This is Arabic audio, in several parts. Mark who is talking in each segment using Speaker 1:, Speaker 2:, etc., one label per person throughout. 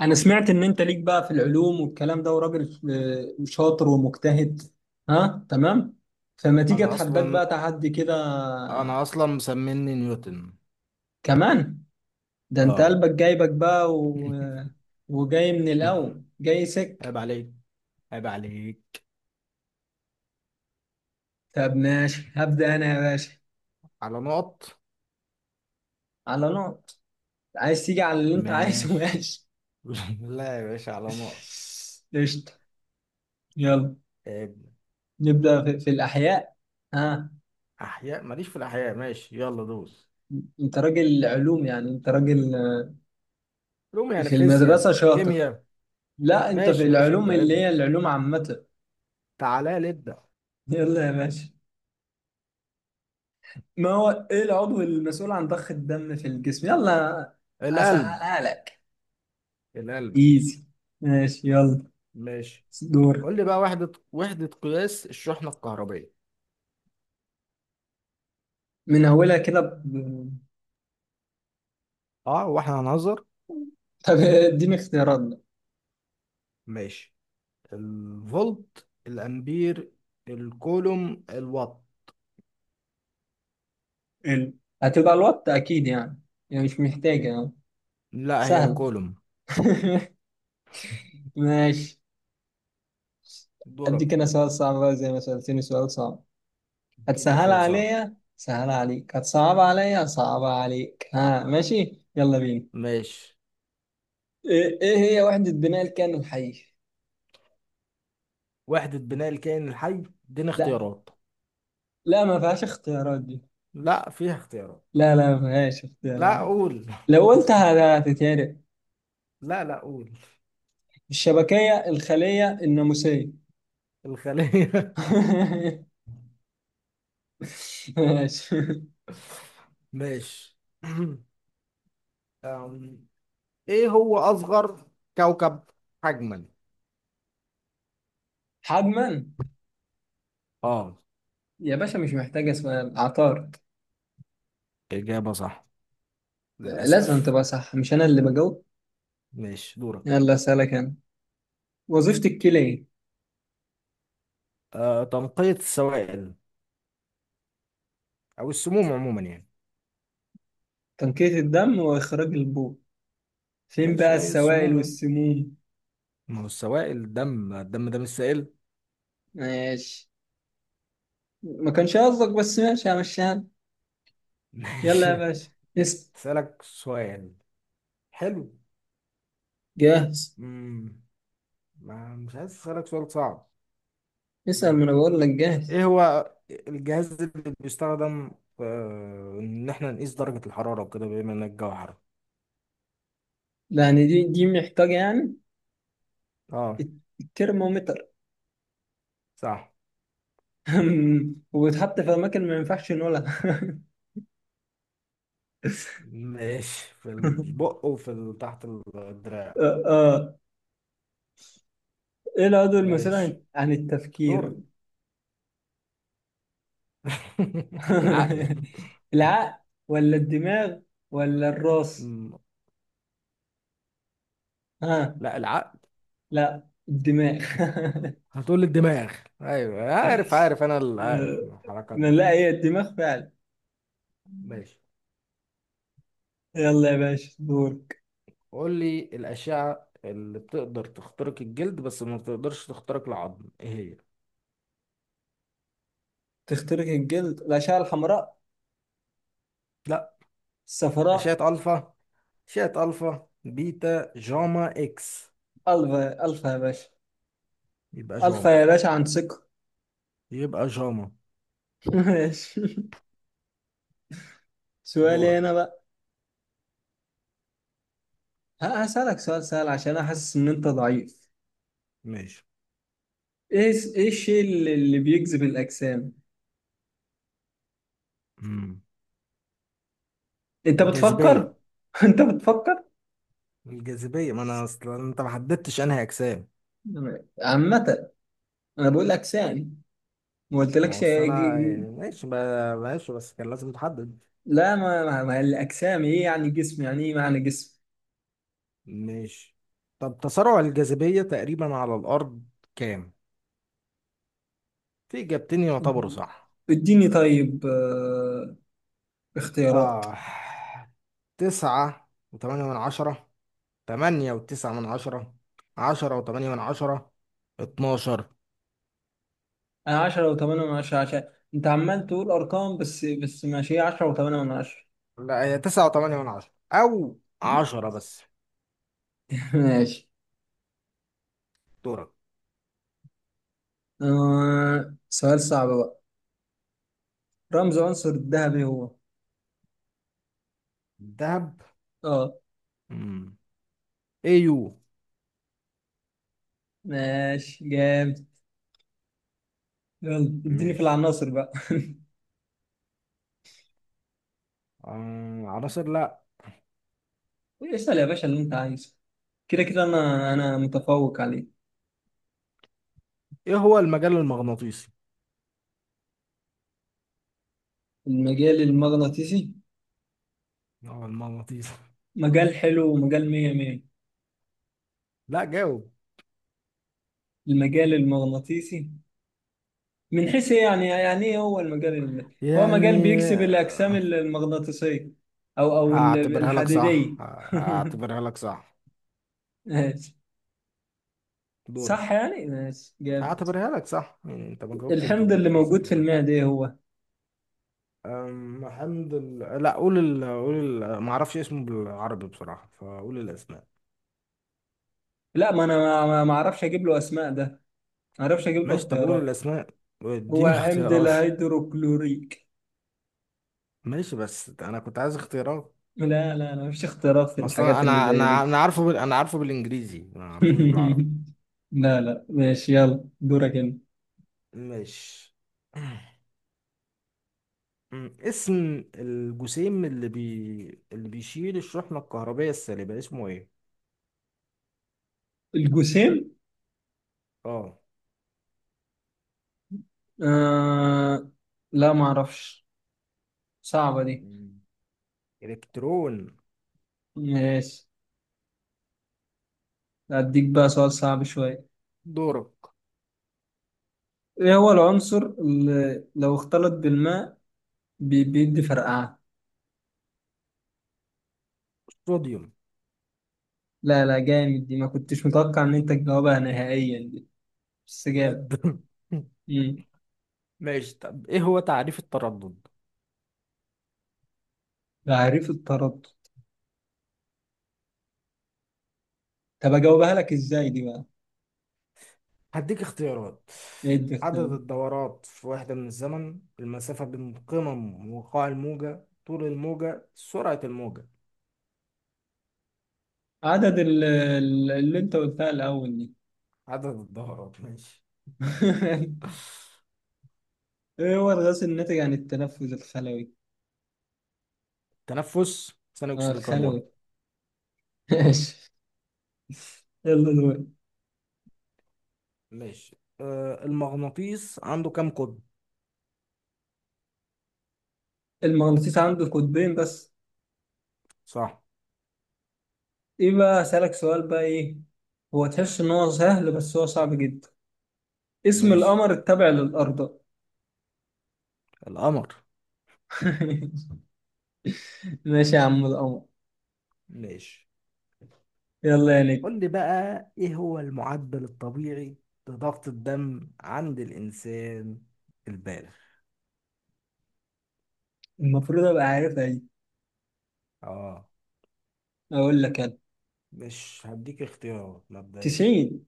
Speaker 1: انا سمعت ان انت ليك بقى في العلوم والكلام ده وراجل شاطر ومجتهد. ها، تمام. فما تيجي
Speaker 2: انا
Speaker 1: اتحداك
Speaker 2: اصلا
Speaker 1: بقى تحدي كده
Speaker 2: انا اصلا مسميني نيوتن.
Speaker 1: كمان. ده انت
Speaker 2: اه.
Speaker 1: قلبك جايبك بقى و... وجاي من الاول جاي
Speaker 2: عيب
Speaker 1: سك.
Speaker 2: عليك، عيب عليك
Speaker 1: طب ماشي، هبدأ انا يا باشا
Speaker 2: على نقط.
Speaker 1: على نقط. عايز تيجي على اللي انت عايزه
Speaker 2: ماشي.
Speaker 1: ماشي.
Speaker 2: لا يا باشا، على نقط.
Speaker 1: قشطة. يلا
Speaker 2: عيب.
Speaker 1: نبدأ في الاحياء. ها،
Speaker 2: احياء ماليش، في الاحياء ماشي، يلا دوس.
Speaker 1: انت راجل علوم، يعني انت راجل،
Speaker 2: علوم يعني
Speaker 1: في المدرسة
Speaker 2: فيزياء
Speaker 1: شاطر.
Speaker 2: كيمياء.
Speaker 1: لا، انت في
Speaker 2: ماشي ماشي،
Speaker 1: العلوم
Speaker 2: ابدا
Speaker 1: اللي
Speaker 2: ابدا،
Speaker 1: هي العلوم عامة.
Speaker 2: تعالى لي ابدا.
Speaker 1: يلا يا باشا، ما هو ايه العضو المسؤول عن ضخ الدم في الجسم؟ يلا،
Speaker 2: القلب.
Speaker 1: اسهلها لك.
Speaker 2: القلب.
Speaker 1: ايزي. ماشي يلا
Speaker 2: ماشي.
Speaker 1: دور.
Speaker 2: قول لي بقى وحدة قياس الشحنة الكهربية.
Speaker 1: من اولها كده ب...
Speaker 2: اه، واحنا هنهزر.
Speaker 1: طب اديني اختيارات بقى.
Speaker 2: ماشي، الفولت، الامبير، الكولوم، الوات.
Speaker 1: ال- هتبقى الوات اكيد يعني. يعني مش محتاجة يعني.
Speaker 2: لا، هي
Speaker 1: سهل.
Speaker 2: الكولوم.
Speaker 1: ماشي. اديك
Speaker 2: دورك.
Speaker 1: انا سؤال صعب بقى زي ما سألتني سؤال صعب.
Speaker 2: اديني
Speaker 1: هتسهلها
Speaker 2: سؤال صعب.
Speaker 1: عليا سهلها عليك، هتصعبها عليا هصعبها عليك. ها، ماشي يلا بينا.
Speaker 2: ماشي.
Speaker 1: إيه هي وحدة بناء الكائن الحي؟
Speaker 2: وحدة بناء الكائن الحي. اديني
Speaker 1: لا.
Speaker 2: اختيارات.
Speaker 1: لا، ما فيهاش اختيارات دي.
Speaker 2: لا، فيها اختيارات.
Speaker 1: لا لا، ما فيهاش اختيارات.
Speaker 2: لا، قول.
Speaker 1: لو قلتها هتتهرق.
Speaker 2: لا لا، قول.
Speaker 1: الشبكية، الخلية، الناموسية.
Speaker 2: الخلية.
Speaker 1: ماشي.
Speaker 2: ماشي. أم، ايه هو اصغر كوكب حجما؟
Speaker 1: حجما.
Speaker 2: اه،
Speaker 1: يا باشا، مش محتاجة سؤال، عطارد.
Speaker 2: اجابة صح.
Speaker 1: لازم
Speaker 2: للاسف.
Speaker 1: تبقى صح، مش أنا اللي بجاوب.
Speaker 2: ماشي، دورك.
Speaker 1: يلا أسألك أنا. وظيفة الكلى إيه؟
Speaker 2: آه، تنقية السوائل، او السموم عموما يعني.
Speaker 1: تنقية الدم وإخراج البول. فين
Speaker 2: ماشي،
Speaker 1: بقى
Speaker 2: هي
Speaker 1: السوائل
Speaker 2: السموم يعني.
Speaker 1: والسموم؟
Speaker 2: ما هو السوائل، الدم ده مش سائل.
Speaker 1: ماشي، ما كانش قصدك بس ماشي، همشيها. يلا يا
Speaker 2: ماشي.
Speaker 1: باشا، اسأل.
Speaker 2: اسالك سؤال حلو.
Speaker 1: جاهز.
Speaker 2: امم ما مش عايز اسالك سؤال صعب.
Speaker 1: اسأل، ما
Speaker 2: مم.
Speaker 1: انا بقول لك جاهز.
Speaker 2: ايه هو الجهاز اللي بيستخدم في ان احنا نقيس درجة الحرارة وكده، بما ان الجو حر.
Speaker 1: يعني دي محتاجة يعني؟
Speaker 2: اه،
Speaker 1: الترمومتر.
Speaker 2: صح.
Speaker 1: وبتحط في أماكن ما ينفعش نقولها.
Speaker 2: ماشي، في البق وفي تحت الدراع.
Speaker 1: آه، آه. إيه العضو المسؤول
Speaker 2: ماشي،
Speaker 1: عن التفكير؟
Speaker 2: دورك. العقل.
Speaker 1: العقل. ولا الدماغ؟ ولا الراس؟
Speaker 2: مم.
Speaker 1: ها.
Speaker 2: لا، العقل.
Speaker 1: لا، الدماغ.
Speaker 2: هتقول لي الدماغ. ايوه، عارف عارف انا، اللي عارف
Speaker 1: آه،
Speaker 2: الحركات دي.
Speaker 1: لا، هي الدماغ فعلا.
Speaker 2: ماشي.
Speaker 1: يلا يا باشا دورك.
Speaker 2: قول لي الاشعه اللي بتقدر تخترق الجلد بس ما بتقدرش تخترق العظم، ايه هي.
Speaker 1: تخترق الجلد، الأشعة الحمراء.
Speaker 2: لا،
Speaker 1: الصفراء.
Speaker 2: اشعه الفا. اشعه الفا بيتا جاما اكس.
Speaker 1: الفا، الفا يا باشا.
Speaker 2: يبقى
Speaker 1: الفا
Speaker 2: جاما.
Speaker 1: يا باشا عن ثقة.
Speaker 2: يبقى جاما.
Speaker 1: ماشي. سؤالي
Speaker 2: دورك.
Speaker 1: انا بقى. هسألك سؤال سهل عشان انا حاسس ان انت ضعيف.
Speaker 2: ماشي.
Speaker 1: ايه الشيء اللي بيجذب الاجسام؟
Speaker 2: مم.
Speaker 1: انت
Speaker 2: الجاذبيه.
Speaker 1: بتفكر. انت بتفكر.
Speaker 2: الجاذبيه، ما انا اصلا انت ما حددتش انهي اجسام.
Speaker 1: عامة، انا بقول اجسام. ما
Speaker 2: ما هو
Speaker 1: قلتلكش
Speaker 2: اصل انا يعني، ماشي، بس كان لازم تحدد.
Speaker 1: لا، ما الاجسام ايه، يعني جسم يعني ايه معنى جسم.
Speaker 2: ماشي، طب تسارع الجاذبية تقريبا على الأرض كام؟ في إجابتين يعتبروا صح.
Speaker 1: اديني طيب، اختيارات.
Speaker 2: آه، تسعة وتمانية من عشرة، تمانية وتسعة من عشرة، عشرة وتمانية من عشرة، اتناشر.
Speaker 1: انا 10 و8 من 10 عشان انت عمال تقول ارقام بس ماشي، هي 10 و8 من 10.
Speaker 2: لا، هي تسعة وتمانية من عشرة أو عشرة بس.
Speaker 1: ماشي.
Speaker 2: دورك.
Speaker 1: آه... سؤال صعب بقى، رمز عنصر الذهبي هو.
Speaker 2: دهب.
Speaker 1: اه.
Speaker 2: مم. Au.
Speaker 1: ماشي جامد. يلا، اديني في
Speaker 2: ماشي.
Speaker 1: العناصر بقى.
Speaker 2: آه، عناصر لا.
Speaker 1: اسأل يا باشا اللي انت عايزه. كده كده انا متفوق عليه.
Speaker 2: إيه هو المجال المغناطيسي؟
Speaker 1: المجال المغناطيسي.
Speaker 2: هو المغناطيسي.
Speaker 1: مجال حلو ومجال مية مية.
Speaker 2: لا، جاوب.
Speaker 1: المجال المغناطيسي من حيث إيه يعني؟ يعني ايه هو هو مجال
Speaker 2: يعني
Speaker 1: بيكسب الاجسام المغناطيسيه، او
Speaker 2: هعتبرها لك صح.
Speaker 1: الحديديه.
Speaker 2: هعتبرها لك صح.
Speaker 1: ماشي. صح
Speaker 2: دورك.
Speaker 1: يعني، ماشي جامد.
Speaker 2: هعتبرها لك صح، يعني انت ما جاوبتش
Speaker 1: الحمض اللي
Speaker 2: بالظبط بس
Speaker 1: موجود في
Speaker 2: هعتبرها لك.
Speaker 1: المعده ايه هو؟
Speaker 2: حمد ال، لا قول ال، قول ال، ما اعرفش اسمه بالعربي بصراحة، فقول الاسماء.
Speaker 1: لا، ما انا ما ما اعرفش اجيب له اسماء ده، ما اعرفش اجيب له
Speaker 2: ماشي، طب قول
Speaker 1: اختيارات.
Speaker 2: الاسماء
Speaker 1: هو
Speaker 2: واديني
Speaker 1: حمض
Speaker 2: اختيارات.
Speaker 1: الهيدروكلوريك.
Speaker 2: ماشي، بس انا كنت عايز اختيارات.
Speaker 1: لا. لا لا، مفيش اختيارات في
Speaker 2: ما اصل انا
Speaker 1: الحاجات اللي
Speaker 2: انا
Speaker 1: زي
Speaker 2: انا
Speaker 1: دي.
Speaker 2: أنا عارفه بال، انا عارفه بالانجليزي، ما اعرفوش بالعربي.
Speaker 1: لا لا، ماشي يلا دورك انت.
Speaker 2: ماشي. اسم الجسيم اللي بيشيل الشحنة الكهربية السالبة اسمه ايه؟
Speaker 1: الجسيم.
Speaker 2: اه.
Speaker 1: آه. لا، ما اعرفش، صعبة دي.
Speaker 2: مم. إلكترون.
Speaker 1: ماشي. أديك بقى سؤال صعب شوية.
Speaker 2: دورق.
Speaker 1: إيه هو العنصر اللي لو اختلط بالماء بيدي فرقعة؟
Speaker 2: صوديوم.
Speaker 1: لا لا، جامد دي، ما كنتش متوقع إن أنت تجاوبها نهائيا دي، بس جامد.
Speaker 2: بجد.
Speaker 1: مم.
Speaker 2: ماشي، طب إيه هو تعريف التردد؟
Speaker 1: تعريف التردد. طب أجاوبها لك إزاي دي بقى؟
Speaker 2: هديك اختيارات.
Speaker 1: إيه
Speaker 2: عدد
Speaker 1: الدخدام؟
Speaker 2: الدورات في وحدة من الزمن، المسافة بين قمم وقاع الموجة، طول الموجة، سرعة الموجة.
Speaker 1: عدد اللي أنت قلتها الأول دي.
Speaker 2: عدد الدورات. ماشي.
Speaker 1: إيه هو الغاز الناتج عن التنفس الخلوي؟
Speaker 2: تنفس ثاني
Speaker 1: آه،
Speaker 2: أكسيد الكربون.
Speaker 1: الخلوي. ماشي يلا دور.
Speaker 2: ماشي. آه، المغناطيس عنده كام قطب؟
Speaker 1: المغناطيس عنده قطبين بس.
Speaker 2: صح.
Speaker 1: ايه بقى اسألك سؤال بقى، ايه. هو تحس ان هو سهل بس هو صعب جدا. اسم
Speaker 2: ماشي.
Speaker 1: القمر التابع للأرض.
Speaker 2: القمر.
Speaker 1: ماشي يا عم، القمر.
Speaker 2: ماشي.
Speaker 1: يلا يا نجم.
Speaker 2: قول لي بقى ايه هو المعدل الطبيعي لضغط الدم عند الانسان البالغ.
Speaker 1: المفروض ابقى عارفها دي.
Speaker 2: اه.
Speaker 1: اقول لك انا،
Speaker 2: مش هديك اختيارات مبدئيا.
Speaker 1: 90.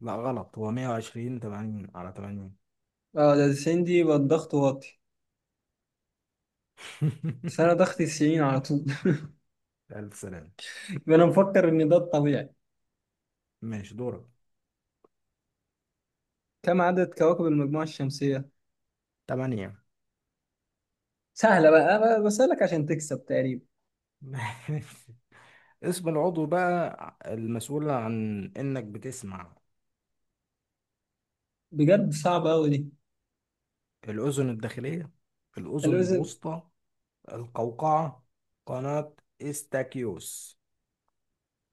Speaker 2: لا غلط، هو 120 80 على 80.
Speaker 1: اه، ده 90 دي يبقى الضغط واطي. بس انا ضغطي 90 على طول.
Speaker 2: الف سلامة.
Speaker 1: انا مفكر ان ده الطبيعي.
Speaker 2: ماشي، دورك.
Speaker 1: كم عدد كواكب المجموعة الشمسية؟
Speaker 2: 8.
Speaker 1: سهلة بقى، أنا بسألك عشان تكسب تقريبا.
Speaker 2: اسم العضو بقى المسؤول عن انك بتسمع.
Speaker 1: بجد صعبة أوي دي.
Speaker 2: الاذن الداخلية، الاذن
Speaker 1: الأذن.
Speaker 2: الوسطى، القوقعة، قناة استاكيوس.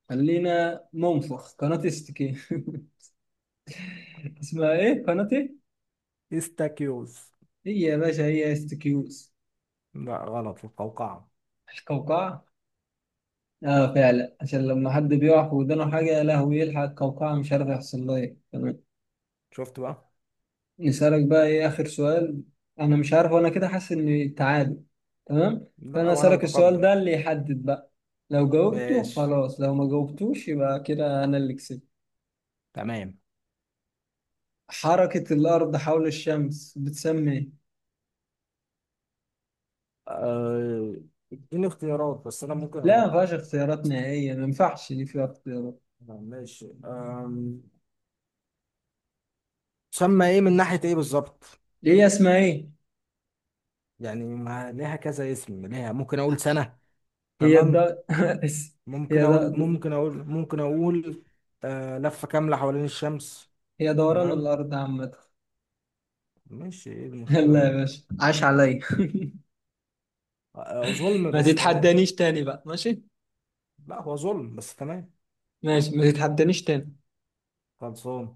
Speaker 1: خلينا منفخ قناة استكين. اسمها ايه قناة إيه؟
Speaker 2: استاكيوس.
Speaker 1: هي يا باشا هي استكيوز.
Speaker 2: لا غلط، القوقعة.
Speaker 1: القوقعة. اه فعلا، عشان لما حد بيقع في ودانه حاجة يا لهوي يلحق القوقعة، مش عارف يحصل لها ايه، تمام.
Speaker 2: شفت بقى.
Speaker 1: نسألك بقى ايه آخر سؤال، أنا مش عارف، وأنا كده حاسس إني تعادل، تمام.
Speaker 2: لا،
Speaker 1: فأنا
Speaker 2: وانا
Speaker 1: أسألك السؤال
Speaker 2: متقدم.
Speaker 1: ده اللي يحدد بقى، لو جاوبته
Speaker 2: ماشي،
Speaker 1: خلاص، لو ما جاوبتوش يبقى كده أنا اللي كسبت.
Speaker 2: تمام.
Speaker 1: حركة الأرض حول الشمس بتسمى ايه؟
Speaker 2: آه، اديني اختيارات بس انا ممكن
Speaker 1: لا،
Speaker 2: اقول
Speaker 1: ما
Speaker 2: لك.
Speaker 1: فيهاش اختيارات نهائية، ما ينفعش دي فيها اختيارات.
Speaker 2: ماشي. تسمى ايه من ناحية ايه بالظبط؟
Speaker 1: هي اسمها ايه؟
Speaker 2: يعني ما ليها كذا اسم، ليها ممكن اقول سنة،
Speaker 1: هي
Speaker 2: تمام.
Speaker 1: الد...
Speaker 2: ممكن
Speaker 1: هي
Speaker 2: اقول،
Speaker 1: ده.
Speaker 2: ممكن اقول، ممكن اقول، لفة كاملة حوالين الشمس.
Speaker 1: هي دوران
Speaker 2: تمام.
Speaker 1: الأرض عامة.
Speaker 2: ماشي، ايه المشكلة
Speaker 1: يلا يا
Speaker 2: يعني.
Speaker 1: باشا، عاش عليا.
Speaker 2: آه، ظلم
Speaker 1: ما
Speaker 2: بس تمام.
Speaker 1: تتحدانيش تاني بقى، ماشي.
Speaker 2: لا هو ظلم بس تمام.
Speaker 1: ماشي، ما تتحدانيش تاني.
Speaker 2: خلصان.